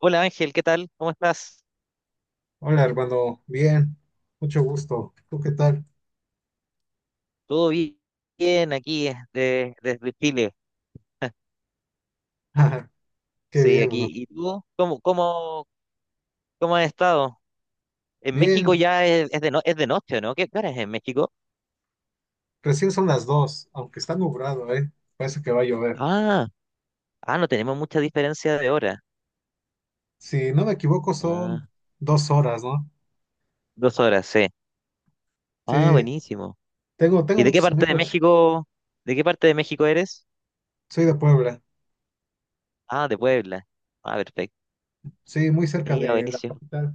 Hola Ángel, ¿qué tal? ¿Cómo estás? Hola, hermano. Bien, mucho gusto. ¿Tú qué tal? ¿Todo bi- Bien aquí desde, desde Chile? Qué Sí, bien, bro. aquí. ¿Y tú? ¿Cómo has estado? En México Bien, ya es de noche, ¿no? ¿Qué hora es en México? recién son las 2, aunque está nublado, ¿eh? Parece que va a llover. Ah, no tenemos mucha diferencia de hora. Si no me equivoco, Ah, son 2 horas, ¿no? dos horas, sí. Sí, Ah, buenísimo. tengo ¿Y de qué muchos parte de amigos. México, de qué parte de México eres? Soy de Puebla. Ah, de Puebla. Ah, perfecto. Sí, muy cerca Mira, de la buenísimo. capital.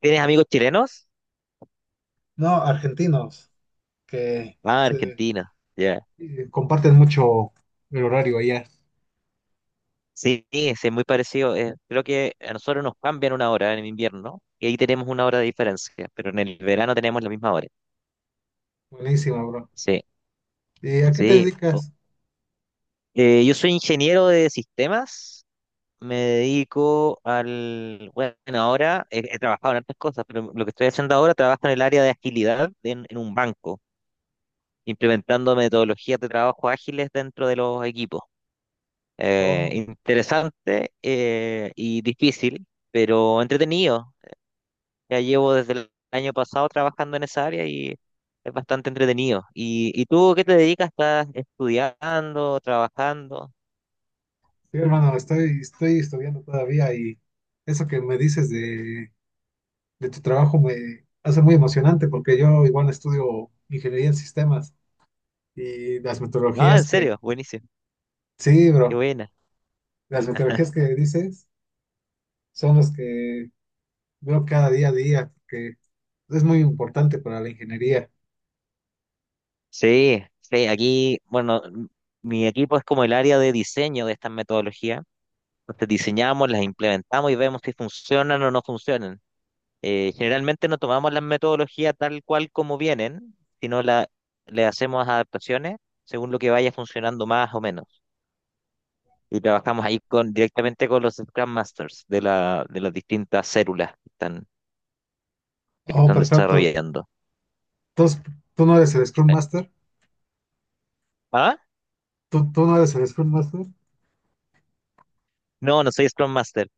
¿Tienes amigos chilenos? No, argentinos, que Ah, se- argentinos. Ya. Comparten mucho el horario allá. Sí, sí, es muy parecido. Creo que a nosotros nos cambian una hora en invierno y ahí tenemos una hora de diferencia, pero en el verano tenemos la misma hora. Buenísima, bro. Sí, ¿Y a qué te sí. Dedicas? Yo soy ingeniero de sistemas, me dedico al... Bueno, ahora he trabajado en otras cosas, pero lo que estoy haciendo ahora trabajo en el área de agilidad en un banco, implementando metodologías de trabajo ágiles dentro de los equipos. Oh. Interesante y difícil, pero entretenido. Ya llevo desde el año pasado trabajando en esa área y es bastante entretenido. Y tú qué te dedicas? ¿Estás estudiando, trabajando? Sí, hermano, estoy estudiando todavía y eso que me dices de tu trabajo me hace muy emocionante porque yo igual estudio ingeniería en sistemas y las Ah, en metodologías que, serio, buenísimo, sí, qué bro, buena. las metodologías que dices son las que veo cada día a día, que es muy importante para la ingeniería. Sí, sí, aquí, bueno, mi equipo es como el área de diseño de estas metodologías. Entonces diseñamos, las implementamos y vemos si funcionan o no funcionan. Generalmente no tomamos las metodologías tal cual como vienen, sino la, le hacemos adaptaciones según lo que vaya funcionando más o menos. Y trabajamos ahí con, directamente con los Scrum Masters de las distintas células que Oh, están perfecto. desarrollando. Entonces, ¿tú no eres el Scrum Master? ¿Ah? ¿Tú no eres el Scrum Master? No, no soy Scrum Master.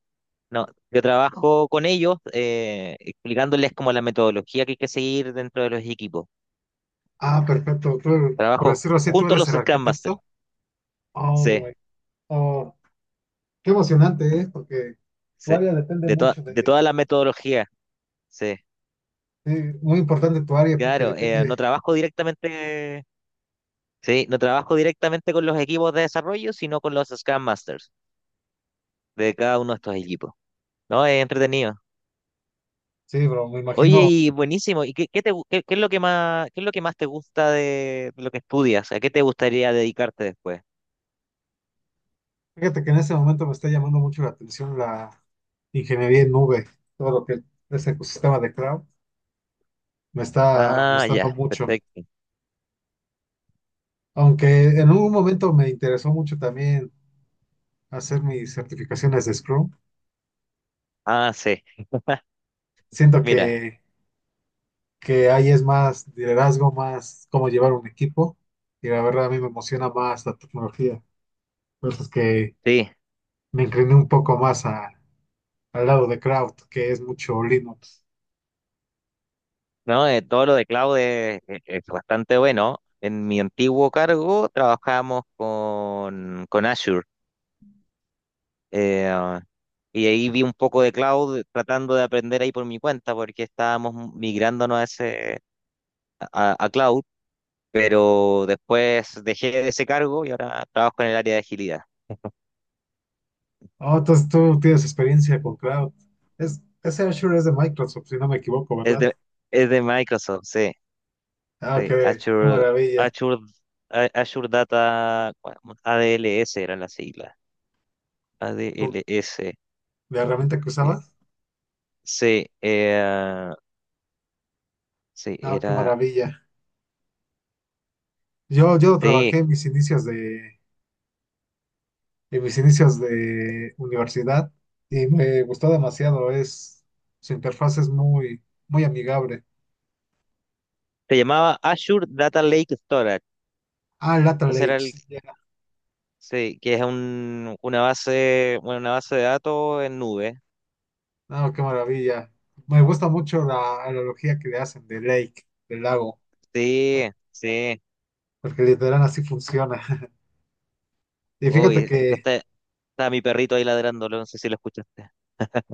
No, yo trabajo con ellos explicándoles como la metodología que hay que seguir dentro de los equipos. Ah, perfecto. Tú, por Trabajo decirlo así, tú junto a eres los el Scrum Masters. arquitecto. Oh, Sí, güey. Oh. Qué emocionante es, porque tu sí. área depende Toda mucho de de, toda la metodología. Sí, sí, muy importante tu área, porque claro. No depende, trabajo directamente, sí, no trabajo directamente con los equipos de desarrollo, sino con los Scrum Masters de cada uno de estos equipos. No, es entretenido. sí, bro, me Oye, imagino, y buenísimo. ¿Y qué es lo que más, qué es lo que más te gusta de, lo que estudias? ¿A qué te gustaría dedicarte después? fíjate que en ese momento me está llamando mucho la atención la ingeniería en nube, todo lo que es el ecosistema de cloud, me está Ah, ya, gustando mucho, perfecto. aunque en un momento me interesó mucho también hacer mis certificaciones de Scrum, Ah, sí. siento Mira, que ahí es más liderazgo, más cómo llevar un equipo, y la verdad a mí me emociona más la tecnología, entonces que sí. me incliné un poco más a- al lado de Cloud, que es mucho Linux. No. Todo lo de cloud es, es bastante bueno. En mi antiguo cargo trabajábamos con Azure. eh, ah, y ahí vi un poco de cloud tratando de aprender ahí por mi cuenta, porque estábamos migrándonos a ese, a cloud. Pero después dejé ese cargo y ahora trabajo en el área de agilidad. Oh, entonces tú tienes experiencia con Cloud. Es, ese Azure es de Microsoft, si no me equivoco, Es ¿verdad? de, es de Microsoft, sí, Ah, sí, qué, qué maravilla. Azure, Azure Data, bueno, ADLS eran las siglas, ADLS, ¿La herramienta que eh, usabas? sí, eh, sí, Ah, qué era, maravilla. Yo sí, trabajé en mis inicios de, en mis inicios de universidad y me gustó demasiado. Es, su interfaz es muy, muy amigable. se llamaba Azure Data Lake Storage, Ah, Lateral ese era el, Edge. sí, que es un, una base, bueno, una base de datos en nube, No, qué maravilla. Me gusta mucho la analogía que le hacen de lake, del lago, sí, sí, porque literal así funciona. Y uy, fíjate que, escuchaste, estaba mi perrito ahí ladrándolo, no sé si lo escuchaste.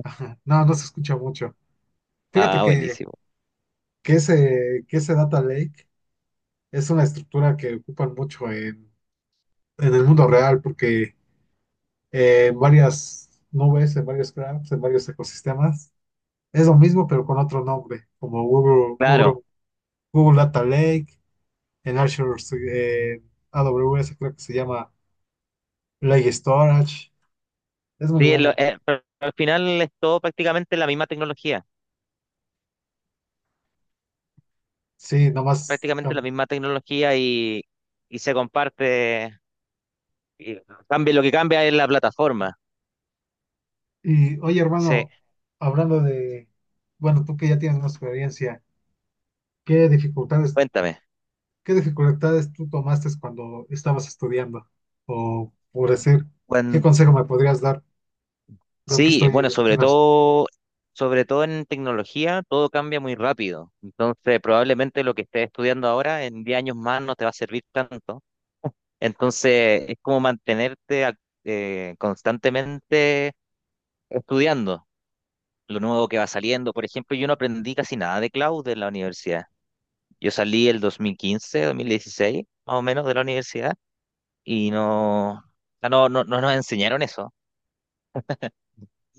no, no se escucha mucho. Fíjate Ah, que, buenísimo. Que ese data lake es una estructura que ocupan mucho en el mundo real, porque en varias nubes, en varios graphs, en varios ecosistemas, es lo mismo, pero con otro nombre, como Google, Claro, Google Data Lake, en Azure, eh, AWS creo que se llama. Play Storage. Es muy sí, buena, bro. Pero al final es todo prácticamente la misma tecnología, Sí, nomás. prácticamente la misma tecnología y se comparte, y cambia, lo que cambia es la plataforma. Y oye, Sí, hermano, hablando de, bueno, tú que ya tienes más experiencia, ¿qué dificultades, cuéntame. qué dificultades tú tomaste cuando estabas estudiando? O por decir, ¿qué Cuan- consejo me podrías dar? Lo que sí, estoy bueno, apenas. Sobre todo en tecnología, todo cambia muy rápido. Entonces, probablemente lo que estés estudiando ahora en 10 años más no te va a servir tanto. Entonces, es como constantemente estudiando lo nuevo que va saliendo. Por ejemplo, yo no aprendí casi nada de cloud en la universidad. Yo salí el 2015, 2016, más o menos, de la universidad y no, ah no, no, no nos enseñaron eso.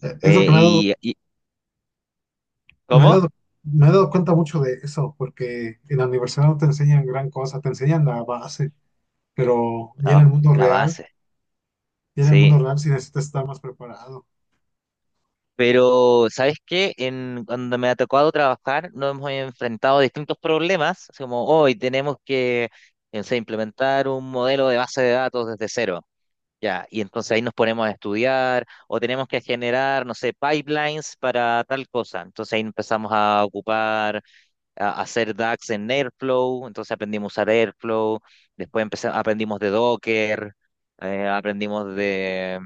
Es lo que Eh, y, y- me he ¿Cómo? dado, me he dado cuenta mucho de eso, porque en la universidad no te enseñan gran cosa, te enseñan la base, pero ya en La, el mundo la real, base, ya en el mundo sí. real sí necesitas estar más preparado. Pero, ¿sabes qué? En, cuando me ha tocado trabajar, nos hemos enfrentado a distintos problemas, así como hoy tenemos que, no sé, implementar un modelo de base de datos desde cero. Ya, y entonces ahí nos ponemos a estudiar o tenemos que generar, no sé, pipelines para tal cosa. Entonces ahí empezamos a ocupar, a hacer DAX en Airflow, entonces aprendimos a usar Airflow, después empezamos, aprendimos de Docker, aprendimos eh, de,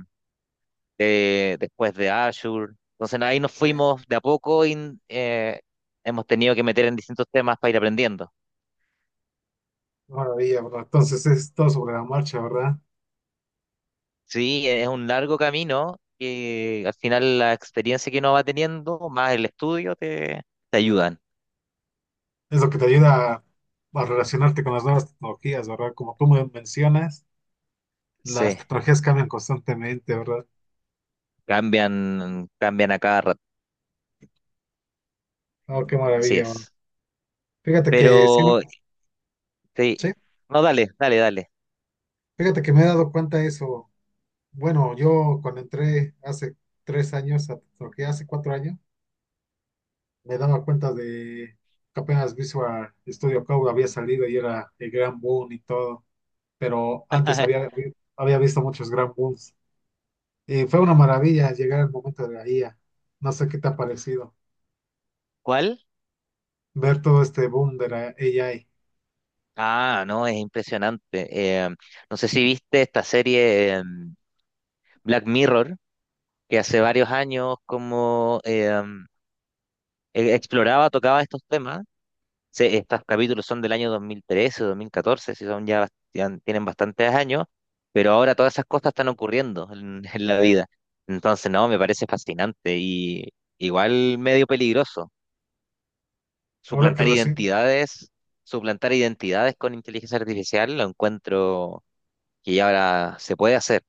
de- después de Azure. Entonces ahí nos eh, fuimos de a poco y eh, hemos tenido que meter en distintos temas para ir aprendiendo. Maravilla, bro. Entonces es todo sobre la marcha, ¿verdad? Sí, es un largo camino que al final la experiencia que uno va teniendo, más el estudio, te ayudan. Es lo que te ayuda a relacionarte con las nuevas tecnologías, ¿verdad? Como tú me mencionas, las Sí, tecnologías cambian constantemente, ¿verdad? cambian, cambian a cada rato. Oh, qué Así maravilla, bro. es. Fíjate que sí, me- Pero, sí, Sí, no, dale, dale, dale. fíjate que me he dado cuenta de eso. Bueno, yo cuando entré hace tres años a tecnología, hace 4 años, me daba cuenta de que apenas Visual Studio Code había salido y era el gran boom y todo. Pero antes había, había visto muchos gran booms. Y fue una maravilla llegar al momento de la IA. No sé qué te ha parecido ¿Cuál? ver todo este boom de la AI. Ah, no, es impresionante. Eh, no sé si viste esta serie Black Mirror, que hace varios años como exploraba, tocaba estos temas, estos capítulos son del año 2013 o 2014, si son ya, ya tienen bastantes años, pero ahora todas esas cosas están ocurriendo en, en la vida. Entonces, no, me parece fascinante y igual medio peligroso. Ahora que Suplantar recién, identidades, suplantar identidades con inteligencia artificial, lo encuentro que ya ahora se puede hacer.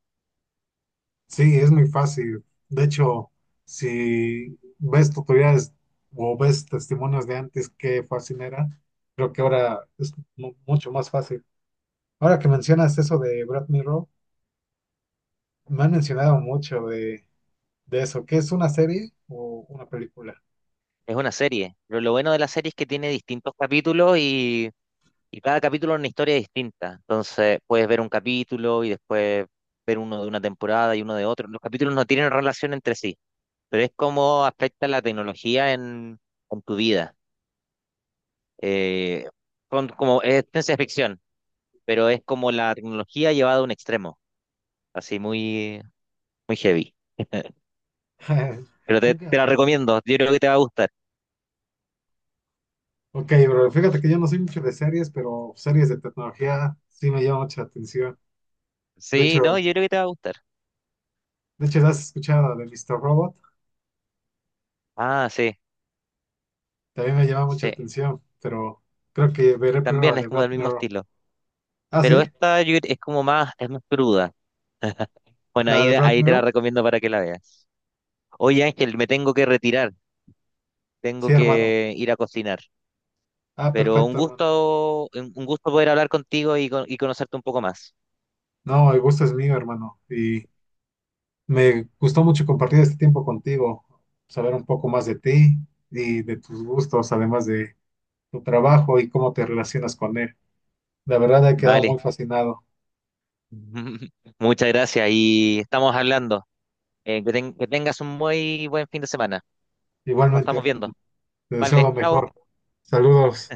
sí, es muy fácil. De hecho, si ves tutoriales o ves testimonios de antes, qué fácil era, creo que ahora es mucho más fácil. Ahora que mencionas eso de Brad Mirror, me han mencionado mucho de eso. ¿Qué es una serie o una película? Es una serie, pero lo bueno de la serie es que tiene distintos capítulos. Y cada capítulo es una historia distinta. Entonces, puedes ver un capítulo y después ver uno de una temporada y uno de otro. Los capítulos no tienen relación entre sí, pero es como afecta la tecnología en tu vida. Eh, es ciencia ficción, pero es como la tecnología llevada a un extremo, así muy, muy heavy. Pero te Nunca. la recomiendo, yo creo que te va a gustar. Ok, bro, fíjate que yo no soy mucho de series, pero series de tecnología sí me llama mucha atención. De Sí, no, hecho, yo creo que te va a gustar. de hecho, ¿has escuchado de Mr. Robot? Ah, sí, También me llama mucha sí. atención, pero creo que veré primero la También es de como Brad del mismo Mirror. estilo. Ah, Pero sí, esta es como más, es más cruda. Bueno, la de Brad ahí te la Mirror. recomiendo para que la veas. Oye, Ángel, me tengo que retirar, Sí, tengo hermano. que ir a cocinar, Ah, pero un perfecto, hermano. gusto, un gusto poder hablar contigo y, y conocerte un poco más. No, el gusto es mío, hermano. Y me gustó mucho compartir este tiempo contigo, saber un poco más de ti y de tus gustos, además de tu trabajo y cómo te relacionas con él. La verdad, he quedado Vale. muy fascinado. Muchas gracias y estamos hablando. Que tengas un muy buen fin de semana. Nos Igualmente, estamos hermano. viendo. Te deseo lo Vale, chao. mejor. Saludos.